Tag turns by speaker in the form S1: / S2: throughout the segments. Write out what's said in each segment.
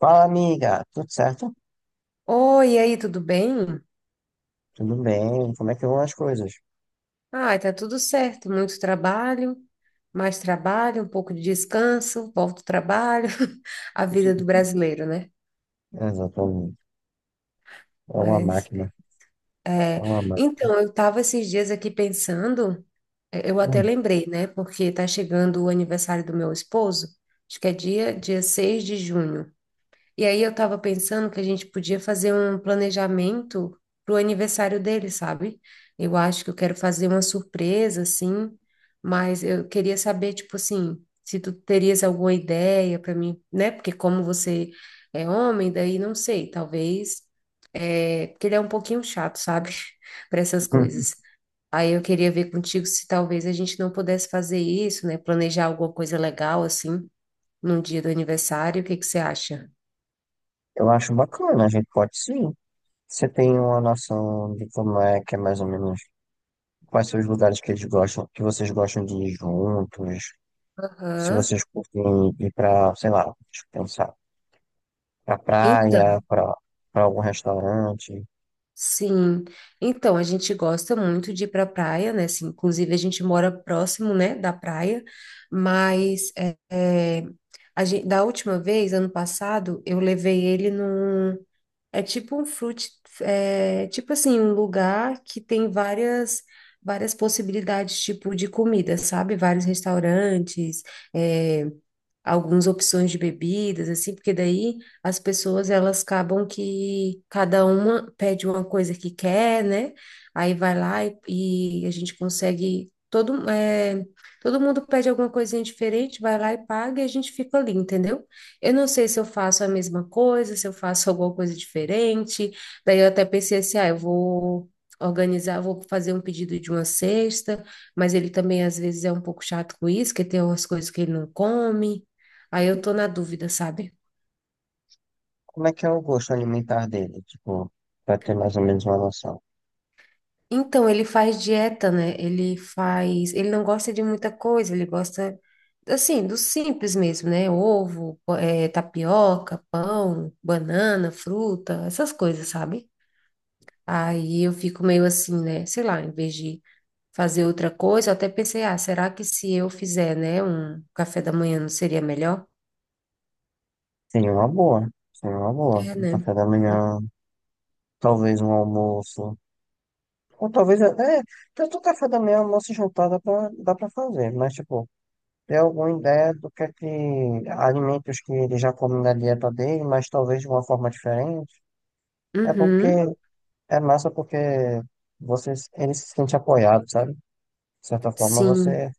S1: Fala, amiga. Tudo certo?
S2: Oi, e aí, tudo bem?
S1: Tudo bem? Como é que vão as coisas?
S2: Ai, tá tudo certo. Muito trabalho, mais trabalho, um pouco de descanso, volta ao trabalho, a vida do brasileiro, né?
S1: Exatamente. É uma
S2: Mas,
S1: máquina. É
S2: é...
S1: uma máquina.
S2: então, eu tava esses dias aqui pensando, eu até
S1: Hum.
S2: lembrei, né? Porque tá chegando o aniversário do meu esposo, acho que é dia 6 de junho. E aí eu tava pensando que a gente podia fazer um planejamento pro aniversário dele, sabe? Eu acho que eu quero fazer uma surpresa, assim, mas eu queria saber, tipo assim, se tu terias alguma ideia para mim, né? Porque como você é homem, daí não sei, talvez, porque ele é um pouquinho chato, sabe? Para essas coisas. Aí eu queria ver contigo se talvez a gente não pudesse fazer isso, né? Planejar alguma coisa legal, assim, num dia do aniversário, o que que você acha?
S1: Eu acho bacana. A gente pode sim. Você tem uma noção de como é que é mais ou menos quais são os lugares que eles gostam, que vocês gostam de ir juntos? Se
S2: Aham.
S1: vocês curtem ir pra, sei lá, deixa eu pensar, pra
S2: Então,
S1: praia, pra, pra algum restaurante.
S2: sim. Então, a gente gosta muito de ir para praia, né? Assim, inclusive, a gente mora próximo, né, da praia, mas é, a gente, da última vez, ano passado, eu levei ele num. É tipo um fruit, tipo assim, um lugar que tem várias. Várias possibilidades, tipo, de comida, sabe? Vários restaurantes, eh, algumas opções de bebidas, assim, porque daí as pessoas elas acabam que cada uma pede uma coisa que quer, né? Aí vai lá e a gente consegue. Todo mundo pede alguma coisinha diferente, vai lá e paga e a gente fica ali, entendeu? Eu não sei se eu faço a mesma coisa, se eu faço alguma coisa diferente. Daí eu até pensei assim, ah, eu vou organizar, vou fazer um pedido de uma cesta, mas ele também às vezes é um pouco chato com isso, que tem umas coisas que ele não come. Aí eu tô na dúvida, sabe?
S1: Como é que é o gosto alimentar dele? Tipo, pra ter mais ou menos uma noção.
S2: Então, ele faz dieta, né? Ele faz. Ele não gosta de muita coisa, ele gosta, assim, do simples mesmo, né? Ovo, tapioca, pão, banana, fruta, essas coisas, sabe? Aí eu fico meio assim, né? Sei lá, em vez de fazer outra coisa, eu até pensei, ah, será que se eu fizer, né, um café da manhã não seria melhor?
S1: Seria uma boa. Seria uma boa.
S2: É,
S1: Um
S2: né?
S1: café da manhã, talvez um almoço. Ou talvez. É, tanto café da manhã, almoço e jantar dá pra fazer. Mas, tipo, ter alguma ideia do que é que. Alimentos que ele já come na dieta dele, mas talvez de uma forma diferente. É porque.
S2: Uhum,
S1: É massa porque você, ele se sente apoiado, sabe? De certa forma,
S2: sim,
S1: você.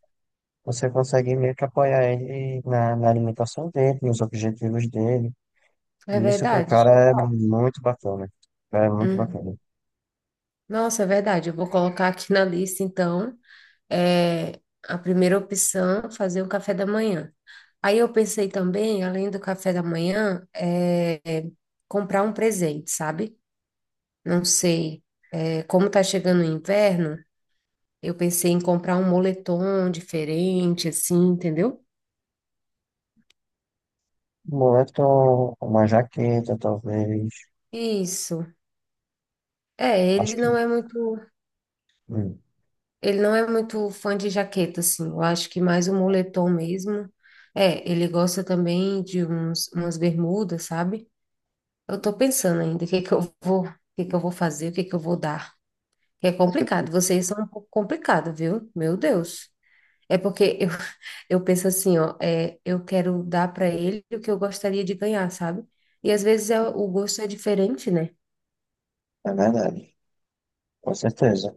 S1: Você consegue meio que apoiar ele na, na alimentação dele, nos objetivos dele.
S2: é
S1: E isso pro
S2: verdade.
S1: cara é muito bacana. Cara, é muito
S2: Uhum.
S1: bacana.
S2: Nossa, é verdade. Eu vou colocar aqui na lista, então, é, a primeira opção, fazer um café da manhã. Aí eu pensei também, além do café da manhã, comprar um presente, sabe? Não sei, como tá chegando o inverno, eu pensei em comprar um moletom diferente, assim, entendeu?
S1: Boleto, uma jaqueta, talvez.
S2: Isso. É,
S1: Acho
S2: ele
S1: que.
S2: não é muito.
S1: hum,
S2: Ele não é muito fã de jaqueta, assim. Eu acho que mais o moletom mesmo. É, ele gosta também de uns, umas bermudas, sabe? Eu tô pensando ainda o que que eu vou fazer, o que que eu vou dar. É complicado, vocês são um pouco complicado, viu? Meu Deus. É porque eu, eu penso assim, ó, eu quero dar para ele o que eu gostaria de ganhar, sabe? E às vezes o gosto é diferente, né?
S1: é verdade, com certeza.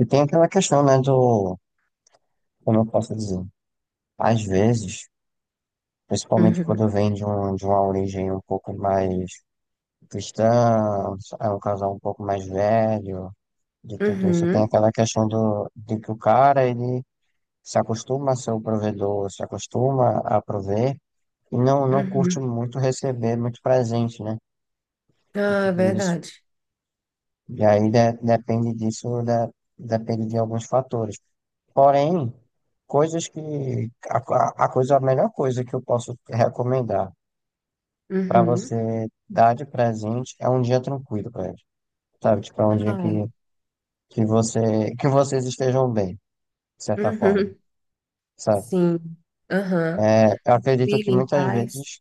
S1: E tem aquela questão, né, do. Como eu posso dizer? Às vezes, principalmente
S2: Uhum.
S1: quando vem de, um, de uma origem um pouco mais cristã, é um casal um pouco mais velho, de tudo isso, tem
S2: Uhum.
S1: aquela questão do, de que o cara, ele se acostuma a ser o provedor, se acostuma a prover. E não, não curte
S2: Uhum.
S1: muito receber muito presente, né? De
S2: Ah, é
S1: tudo isso.
S2: verdade.
S1: E aí de- depende disso, da- depende de alguns fatores. Porém, coisas que. A, a coisa, a melhor coisa que eu posso recomendar para
S2: Uhum.
S1: você dar de presente é um dia tranquilo para eles. Sabe? Tipo, é
S2: Ah,
S1: um dia
S2: é.
S1: que você, que vocês estejam bem, de certa forma.
S2: Uhum.
S1: Sabe?
S2: Sim. Aham.
S1: É, eu acredito que
S2: Vive em
S1: muitas
S2: paz.
S1: vezes,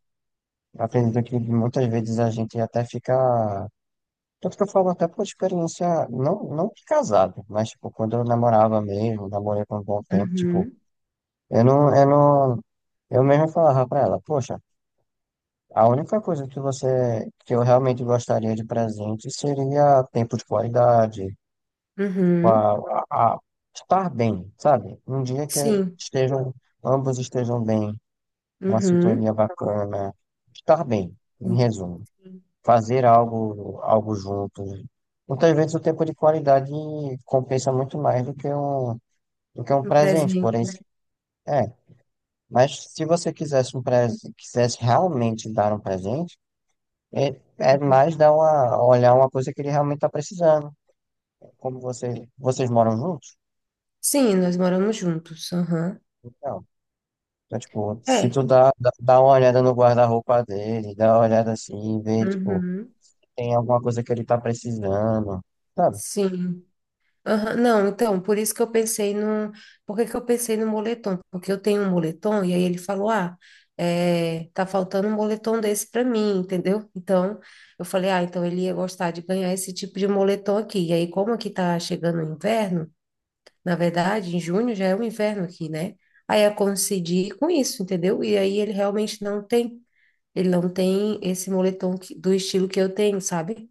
S1: eu acredito que muitas vezes a gente até fica. Tanto que eu falo até por experiência, não, não de casado, mas, tipo, quando eu namorava mesmo, namorei por um bom tempo, tipo,
S2: Uhum.
S1: eu não, eu não, eu mesmo falava pra ela, poxa, a única coisa que você, que eu realmente gostaria de presente seria tempo de qualidade,
S2: Uhum.
S1: a, a estar bem, sabe? Um dia que
S2: Sim.
S1: estejam, ambos estejam bem, uma
S2: Uhum.
S1: sintonia bacana, estar
S2: Sim.
S1: bem, em
S2: Sim.
S1: resumo.
S2: Uhum.
S1: Fazer algo, algo juntos. Muitas vezes o tempo de qualidade compensa muito mais do que um
S2: Um
S1: presente, porém,
S2: presente.
S1: se- é. Mas se você quisesse um presente, quisesse realmente dar um presente, é, é
S2: Uhum.
S1: mais dar uma, olhar uma coisa que ele realmente está precisando. Como você, vocês moram juntos?
S2: Sim, nós moramos juntos. Aham.
S1: Então, então, tipo, se
S2: É.
S1: tu dá, dá uma olhada no guarda-roupa dele, dá uma olhada assim, vê, tipo,
S2: Uhum.
S1: tem alguma coisa que ele tá precisando, sabe?
S2: Sim. Aham, não, então, por isso que eu pensei no. Por que que eu pensei no moletom? Porque eu tenho um moletom e aí ele falou: ah, tá faltando um moletom desse para mim, entendeu? Então, eu falei: ah, então ele ia gostar de ganhar esse tipo de moletom aqui. E aí, como aqui tá chegando o inverno, na verdade, em junho já é o inverno aqui, né? Aí eu coincidi com isso, entendeu? E aí ele realmente não tem. Ele não tem esse moletom que- do estilo que eu tenho, sabe?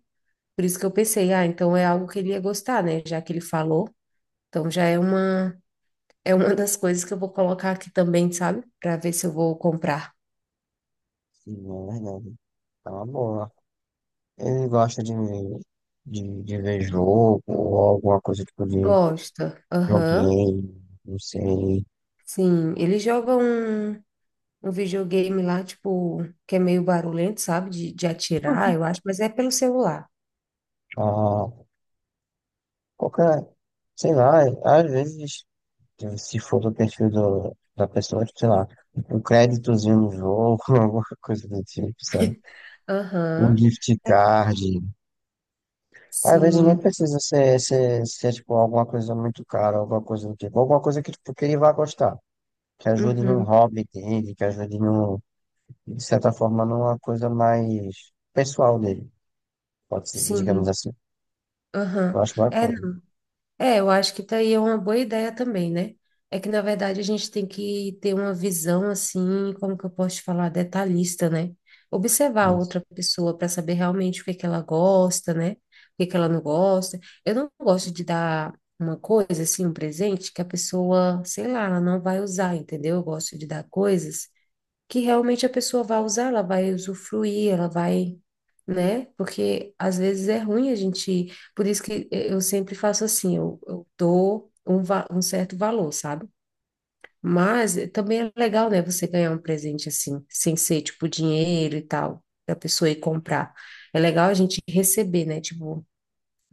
S2: Por isso que eu pensei: ah, então é algo que ele ia gostar, né? Já que ele falou. Então já é uma das coisas que eu vou colocar aqui também, sabe? Para ver se eu vou comprar.
S1: Sim, é verdade. Tá uma boa. Ele gosta de, de ver jogo ou alguma coisa tipo de
S2: Gosta. Aham.
S1: joguinho, não sei.
S2: Sim, ele joga um videogame lá, tipo, que é meio barulhento, sabe? De atirar, eu acho, mas é pelo celular.
S1: Ah, qualquer, sei lá, às vezes, se for do perfil do, da pessoa, tipo, sei lá, um créditozinho no jogo, alguma coisa do tipo, sabe? Um
S2: Aham.
S1: gift card. Às vezes nem
S2: Sim.
S1: precisa ser, ser tipo, alguma coisa muito cara, alguma coisa do tipo, alguma coisa que, tipo, que ele vai gostar. Que ajude num
S2: Uhum.
S1: hobby dele, que ajude num, de certa forma, numa coisa mais pessoal dele, pode ser, digamos
S2: Sim.
S1: assim. Eu
S2: Aham.
S1: acho
S2: É,
S1: bacana
S2: é, eu acho que tá aí é uma boa ideia também, né? É que, na verdade, a gente tem que ter uma visão, assim, como que eu posso te falar, detalhista, né? Observar a
S1: isso.
S2: outra pessoa para saber realmente o que é que ela gosta, né? O que é que ela não gosta. Eu não gosto de dar uma coisa, assim, um presente que a pessoa, sei lá, ela não vai usar, entendeu? Eu gosto de dar coisas que realmente a pessoa vai usar, ela vai usufruir, ela vai, né? Porque às vezes é ruim a gente. Por isso que eu sempre faço assim, eu dou um certo valor, sabe? Mas também é legal, né, você ganhar um presente assim, sem ser tipo dinheiro e tal, da pessoa ir comprar. É legal a gente receber, né? Tipo,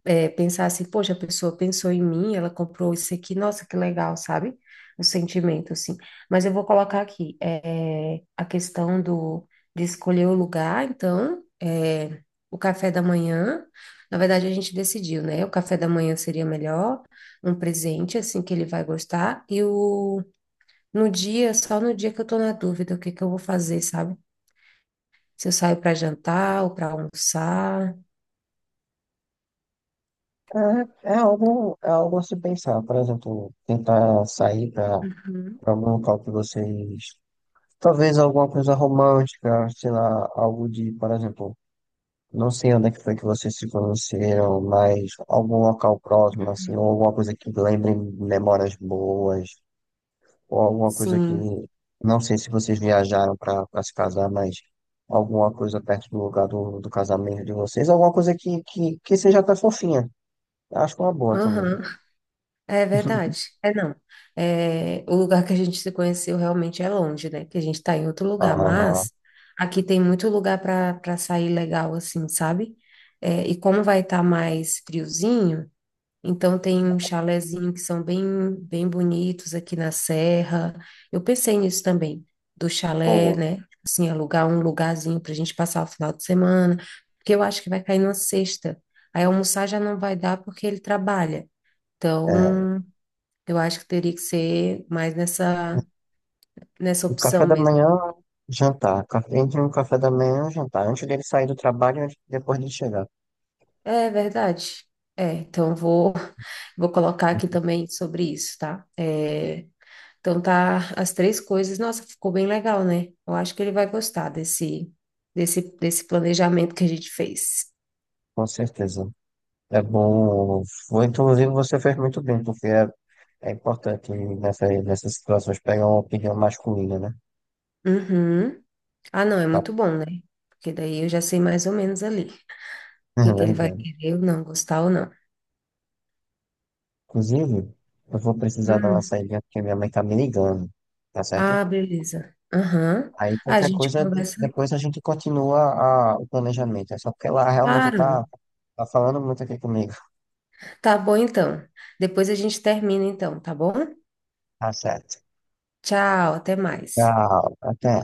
S2: pensar assim, poxa, a pessoa pensou em mim, ela comprou isso aqui, nossa, que legal, sabe? O sentimento, assim. Mas eu vou colocar aqui, a questão do, de escolher o lugar, então, o café da manhã, na verdade a gente decidiu, né? O café da manhã seria melhor, um presente, assim, que ele vai gostar, e o, só no dia que eu tô na dúvida, o que que eu vou fazer, sabe? Se eu saio para jantar ou para almoçar.
S1: É, é algo a se pensar, por exemplo, tentar sair para
S2: Uhum.
S1: algum local que vocês. Talvez alguma coisa romântica, sei lá, algo de, por exemplo, não sei onde é que foi que vocês se conheceram, mas algum local próximo, assim, ou alguma coisa que lembre memórias boas, ou alguma coisa que,
S2: Sim.
S1: não sei se vocês viajaram para se casar, mas alguma coisa perto do lugar do, do casamento de vocês, alguma coisa que seja até fofinha. Eu acho é uma boa também.
S2: Aham. É verdade. É não. É, o lugar que a gente se conheceu realmente é longe, né? Que a gente está em outro lugar,
S1: Ah,
S2: mas aqui tem muito lugar para sair legal, assim, sabe? É, e como vai estar mais friozinho, então tem um chalezinho que são bem bem bonitos aqui na serra. Eu pensei nisso também, do chalé,
S1: pô,
S2: né? Assim, alugar um lugarzinho para a gente passar o final de semana, porque eu acho que vai cair na sexta. Aí almoçar já não vai dar porque ele trabalha. Então,
S1: é,
S2: eu acho que teria que ser mais nessa
S1: o café
S2: opção
S1: da
S2: mesmo.
S1: manhã, jantar. Café- Entre um café da manhã e jantar, antes dele sair do trabalho e antes- depois de chegar.
S2: É verdade. É, então eu vou, vou colocar aqui também sobre isso, tá? Então tá as três coisas. Nossa, ficou bem legal, né? Eu acho que ele vai gostar desse planejamento que a gente fez.
S1: Com certeza. É bom. Foi, inclusive, você fez muito bem, porque é, é importante nessa, nessas situações pegar uma opinião masculina, né?
S2: Uhum. Ah, não, é
S1: Tá.
S2: muito bom, né? Porque daí eu já sei mais ou menos ali o
S1: É
S2: que que ele vai
S1: verdade.
S2: querer ou não, gostar ou não.
S1: Inclusive, eu vou precisar dar uma
S2: Hum.
S1: saída porque minha mãe tá me ligando, tá certo?
S2: Ah, beleza. Aham.
S1: Aí
S2: Ah, a
S1: qualquer
S2: gente
S1: coisa, de-
S2: conversa,
S1: depois a gente continua a- o planejamento. É só porque ela realmente
S2: claro.
S1: tá, tá falando muito aqui comigo.
S2: Tá bom então. Depois a gente termina então, tá bom?
S1: Tá certo.
S2: Tchau, até mais.
S1: Tchau, até.